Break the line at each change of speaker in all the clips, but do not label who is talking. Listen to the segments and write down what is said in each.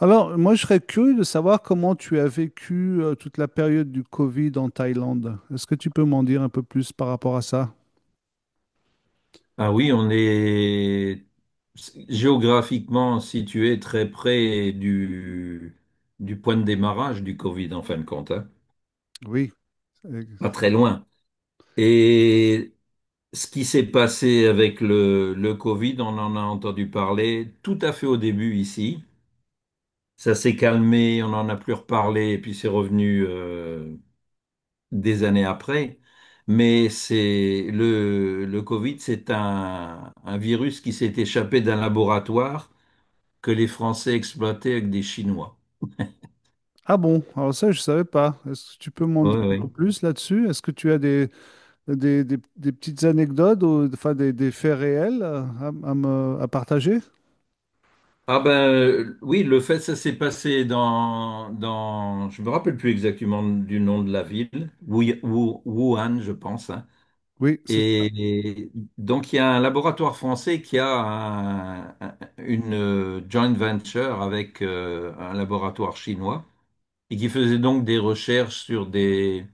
Alors, moi, je serais curieux de savoir comment tu as vécu toute la période du Covid en Thaïlande. Est-ce que tu peux m'en dire un peu plus par rapport à ça?
Ah oui, on est géographiquement situé très près du point de démarrage du Covid, en fin de compte, hein.
Oui. Euh,
Pas très loin. Et ce qui s'est passé avec le Covid, on en a entendu parler tout à fait au début ici. Ça s'est calmé, on n'en a plus reparlé, et puis c'est revenu des années après. Mais c'est le Covid, c'est un virus qui s'est échappé d'un laboratoire que les Français exploitaient avec des Chinois.
Ah bon, alors ça, je ne savais pas. Est-ce que tu peux m'en
Oui,
dire un peu
oui.
plus là-dessus? Est-ce que tu as des petites anecdotes ou enfin, des faits réels à me, à partager?
Ah oui, le fait, ça s'est passé je me rappelle plus exactement du nom de la ville, Wuhan, je pense, hein.
Oui, c'est ça.
Et, et donc il y a un laboratoire français qui a une joint venture avec un laboratoire chinois et qui faisait donc des recherches sur des,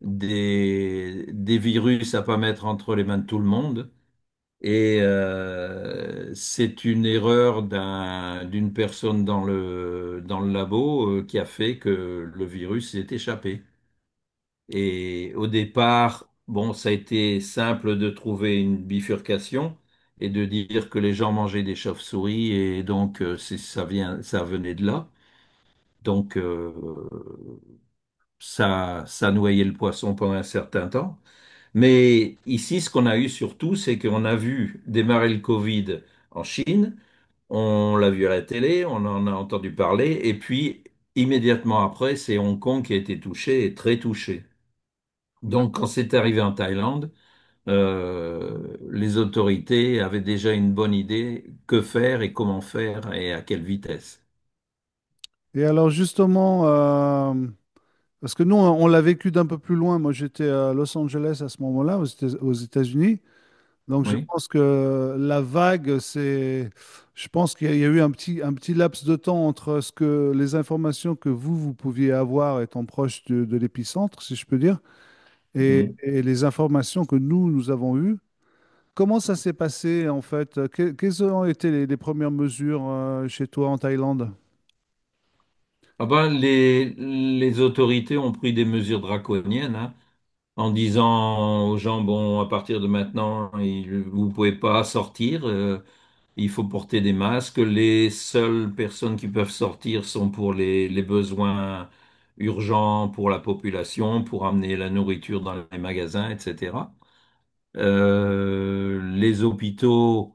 des, des virus à pas mettre entre les mains de tout le monde. Et c'est une erreur d'une personne dans dans le labo qui a fait que le virus s'est échappé. Et au départ, bon, ça a été simple de trouver une bifurcation et de dire que les gens mangeaient des chauves-souris et donc ça vient, ça venait de là. Donc euh, ça noyait le poisson pendant un certain temps. Mais ici, ce qu'on a eu surtout, c'est qu'on a vu démarrer le Covid en Chine. On l'a vu à la télé, on en a entendu parler, et puis immédiatement après, c'est Hong Kong qui a été touché et très touché. Donc
D'accord.
quand c'est arrivé en Thaïlande, les autorités avaient déjà une bonne idée que faire et comment faire et à quelle vitesse.
Et alors, justement, parce que nous, on l'a vécu d'un peu plus loin. Moi, j'étais à Los Angeles à ce moment-là, aux États-Unis. Donc je
Oui.
pense que la vague, c'est, je pense qu'il y a eu un petit laps de temps entre ce que les informations que vous, vous pouviez avoir étant proche de l'épicentre, si je peux dire,
Mhm.
et les informations que nous, nous avons eues. Comment ça s'est passé en fait? Quelles ont été les premières mesures chez toi en Thaïlande?
Ah ben, les autorités ont pris des mesures draconiennes, hein, en disant aux gens, bon, à partir de maintenant, vous pouvez pas sortir. Il faut porter des masques. Les seules personnes qui peuvent sortir sont pour les besoins urgents pour la population, pour amener la nourriture dans les magasins, etc. Les hôpitaux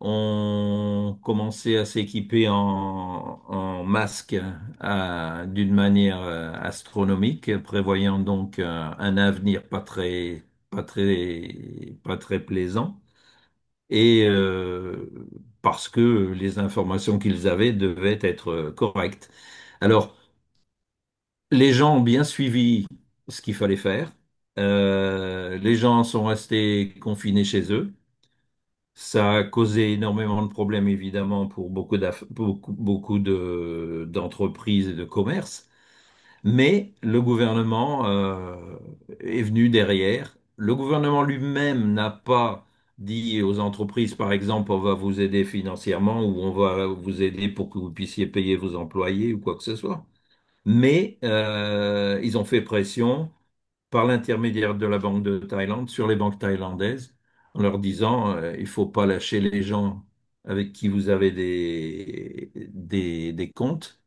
ont commencé à s'équiper en masques d'une manière astronomique, prévoyant donc un avenir pas très plaisant et parce que les informations qu'ils avaient devaient être correctes. Alors, les gens ont bien suivi ce qu'il fallait faire. Les gens sont restés confinés chez eux. Ça a causé énormément de problèmes, évidemment, pour beaucoup d'entreprises et de commerces. Mais le gouvernement est venu derrière. Le gouvernement lui-même n'a pas dit aux entreprises, par exemple, on va vous aider financièrement ou on va vous aider pour que vous puissiez payer vos employés ou quoi que ce soit. Mais ils ont fait pression par l'intermédiaire de la Banque de Thaïlande sur les banques thaïlandaises en leur disant, il faut pas lâcher les gens avec qui vous avez des comptes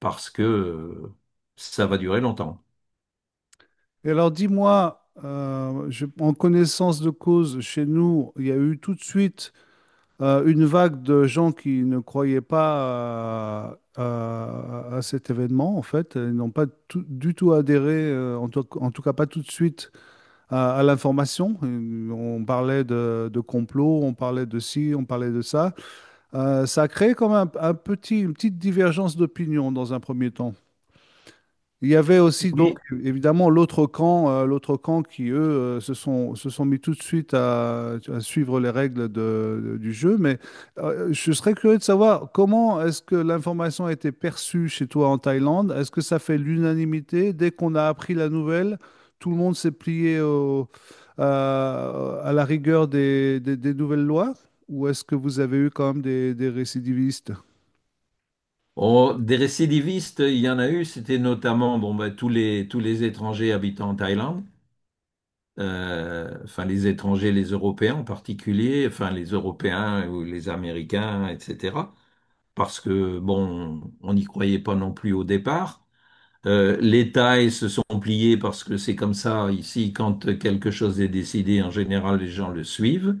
parce que ça va durer longtemps.
Et alors dis-moi, en connaissance de cause, chez nous, il y a eu tout de suite une vague de gens qui ne croyaient pas à cet événement, en fait. Ils n'ont pas tout- Du tout adhéré, en tout cas pas tout de suite, à l'information. On parlait de complot, on parlait de ci, on parlait de ça. Ça a créé comme un petit, une petite divergence d'opinion dans un premier temps. Il y avait aussi donc
Oui.
évidemment l'autre camp qui eux se sont mis tout de suite à suivre les règles du jeu. Mais je serais curieux de savoir comment est-ce que l'information a été perçue chez toi en Thaïlande? Est-ce que ça fait l'unanimité? Dès qu'on a appris la nouvelle, tout le monde s'est plié à la rigueur des nouvelles lois? Ou est-ce que vous avez eu quand même des récidivistes?
Oh, des récidivistes, il y en a eu, c'était notamment bon, bah, tous les étrangers habitant en Thaïlande, enfin les étrangers, les Européens en particulier, enfin les Européens ou les Américains, etc. Parce que, bon, on n'y croyait pas non plus au départ. Les Thaïs se sont pliés parce que c'est comme ça ici, quand quelque chose est décidé, en général, les gens le suivent.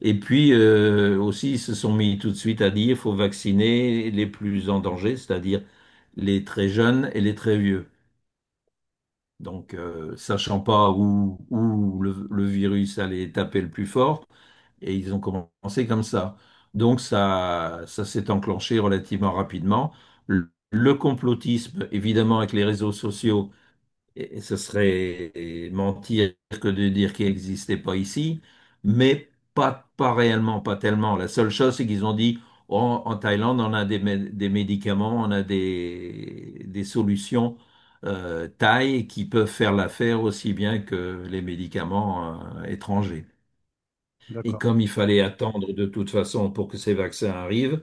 Et puis aussi, ils se sont mis tout de suite à dire, il faut vacciner les plus en danger, c'est-à-dire les très jeunes et les très vieux. Donc, sachant pas où le virus allait taper le plus fort, et ils ont commencé comme ça. Donc, ça s'est enclenché relativement rapidement. Le complotisme, évidemment, avec les réseaux sociaux et ce serait mentir que de dire qu'il n'existait pas ici, mais pas réellement, pas tellement. La seule chose, c'est qu'ils ont dit, oh, en Thaïlande, on a des médicaments, on a des solutions thaï qui peuvent faire l'affaire aussi bien que les médicaments étrangers. Et
D'accord.
comme il fallait attendre de toute façon pour que ces vaccins arrivent,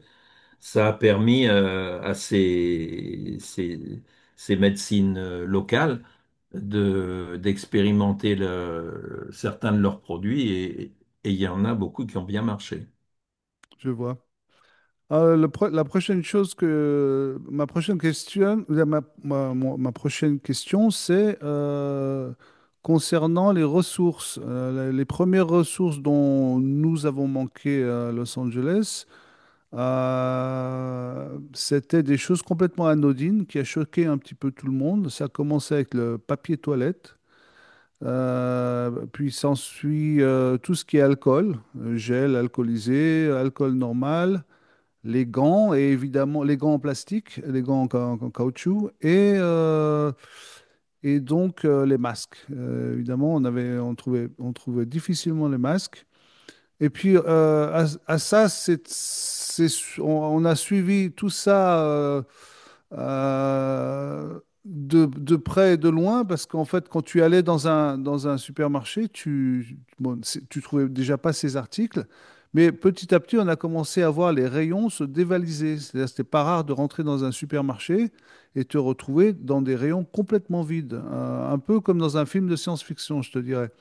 ça a permis à ces médecines locales d'expérimenter certains de leurs produits et il y en a beaucoup qui ont bien marché.
Je vois. La prochaine chose que ma prochaine question, ou ma prochaine question, c'est concernant les ressources, les premières ressources dont nous avons manqué à Los Angeles. C'était des choses complètement anodines qui a choqué un petit peu tout le monde. Ça a commencé avec le papier toilette, puis s'ensuit tout ce qui est alcool, gel alcoolisé, alcool normal, les gants et évidemment les gants en plastique, les gants en, ca- en caoutchouc et donc les masques. Évidemment, on trouvait difficilement les masques. Et puis, à ça, on a suivi tout ça euh, de près et de loin, parce qu'en fait, quand tu allais dans un supermarché, bon, tu trouvais déjà pas ces articles, mais petit à petit, on a commencé à voir les rayons se dévaliser. C'est-à-dire, c'était pas rare de rentrer dans un supermarché et te retrouver dans des rayons complètement vides, un peu comme dans un film de science-fiction, je te dirais.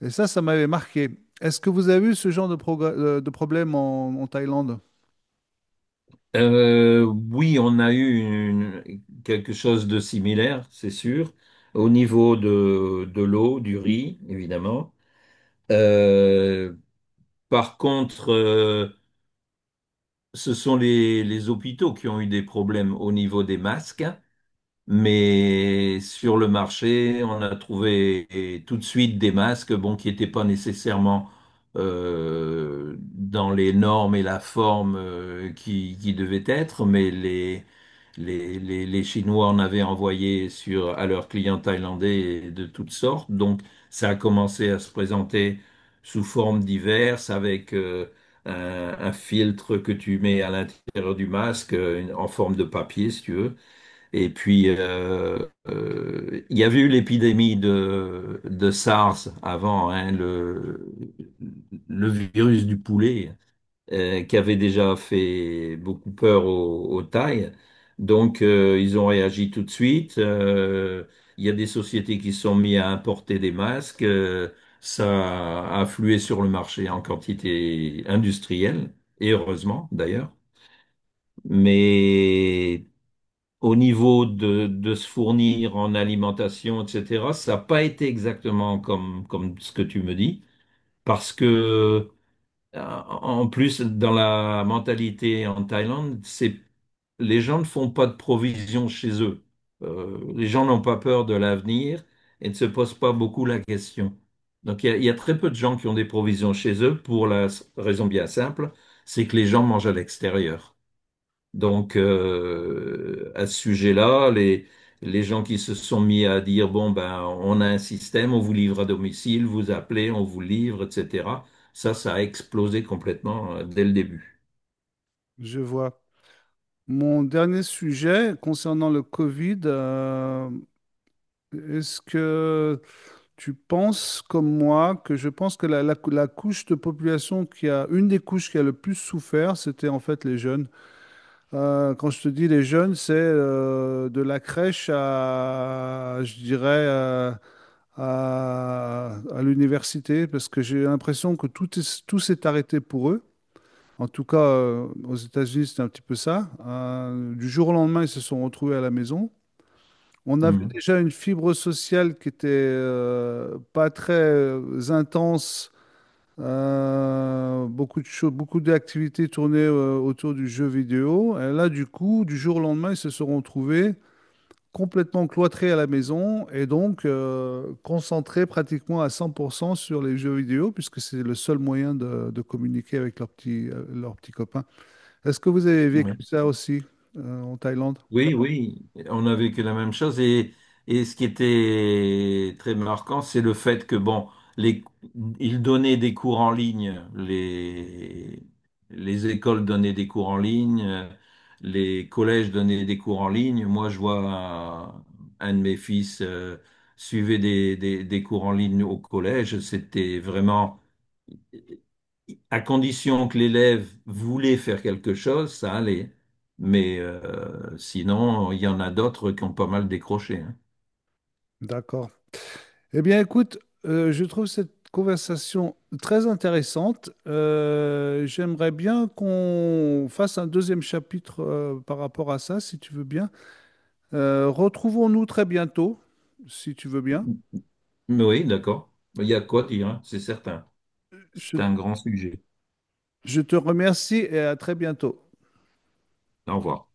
Et ça m'avait marqué. Est-ce que vous avez eu ce genre de, de problème en, en Thaïlande?
Oui, on a eu quelque chose de similaire, c'est sûr, au niveau de l'eau, du riz, évidemment. Euh, par contre, ce sont les hôpitaux qui ont eu des problèmes au niveau des masques. Mais sur le marché, on a trouvé tout de suite des masques, bon, qui n'étaient pas nécessairement dans les normes et la forme qui devaient être, mais les Chinois en avaient envoyé à leurs clients thaïlandais de toutes sortes. Donc, ça a commencé à se présenter sous formes diverses avec un, un filtre que tu mets à l'intérieur du masque en forme de papier, si tu veux. Et il y avait eu l'épidémie de SARS avant, hein, le virus du poulet, qui avait déjà fait beaucoup peur aux Thaïs. Donc, ils ont réagi tout de suite. Il y a des sociétés qui se sont mises à importer des masques. Ça a afflué sur le marché en quantité industrielle, et heureusement d'ailleurs. Mais au niveau de se fournir en alimentation, etc., ça n'a pas été exactement comme ce que tu me dis, parce que en plus, dans la mentalité en Thaïlande, c'est les gens ne font pas de provisions chez eux. Les gens n'ont pas peur de l'avenir et ne se posent pas beaucoup la question. Donc il y a très peu de gens qui ont des provisions chez eux pour la raison bien simple, c'est que les gens mangent à l'extérieur. Donc, à ce sujet-là, les gens qui se sont mis à dire, bon, ben, on a un système, on vous livre à domicile, vous appelez, on vous livre, etc. Ça a explosé complètement dès le début.
Je vois. Mon dernier sujet concernant le Covid, est-ce que tu penses comme moi que je pense que la couche de population une des couches qui a le plus souffert, c'était en fait les jeunes. Quand je te dis les jeunes, c'est de la crèche à, je dirais, à l'université parce que j'ai l'impression tout s'est arrêté pour eux. En tout cas, aux États-Unis, c'est un petit peu ça. Du jour au lendemain, ils se sont retrouvés à la maison. On avait
Mhm.
déjà une fibre sociale qui était pas très intense. Beaucoup de choses, beaucoup d'activités tournées autour du jeu vidéo. Et là, du coup, du jour au lendemain, ils se sont retrouvés complètement cloîtré à la maison et donc concentré pratiquement à 100% sur les jeux vidéo puisque c'est le seul moyen de communiquer avec leurs petits copains. Est-ce que vous avez vécu
Ouais.
ça aussi en Thaïlande?
Oui, oui, on a vécu la même chose et ce qui était très marquant, c'est le fait que bon, les, ils donnaient des cours en ligne, les écoles donnaient des cours en ligne, les collèges donnaient des cours en ligne. Moi, je vois un de mes fils suivait des cours en ligne au collège. C'était vraiment à condition que l'élève voulait faire quelque chose, ça allait. Mais sinon, il y en a d'autres qui ont pas mal décroché, hein.
D'accord. Eh bien, écoute, je trouve cette conversation très intéressante. J'aimerais bien qu'on fasse un deuxième chapitre par rapport à ça, si tu veux bien. Retrouvons-nous très bientôt, si tu veux bien.
Mais oui, d'accord. Il y a quoi dire, hein, c'est certain. C'est
Je
un grand sujet.
Je te remercie et à très bientôt.
Au revoir.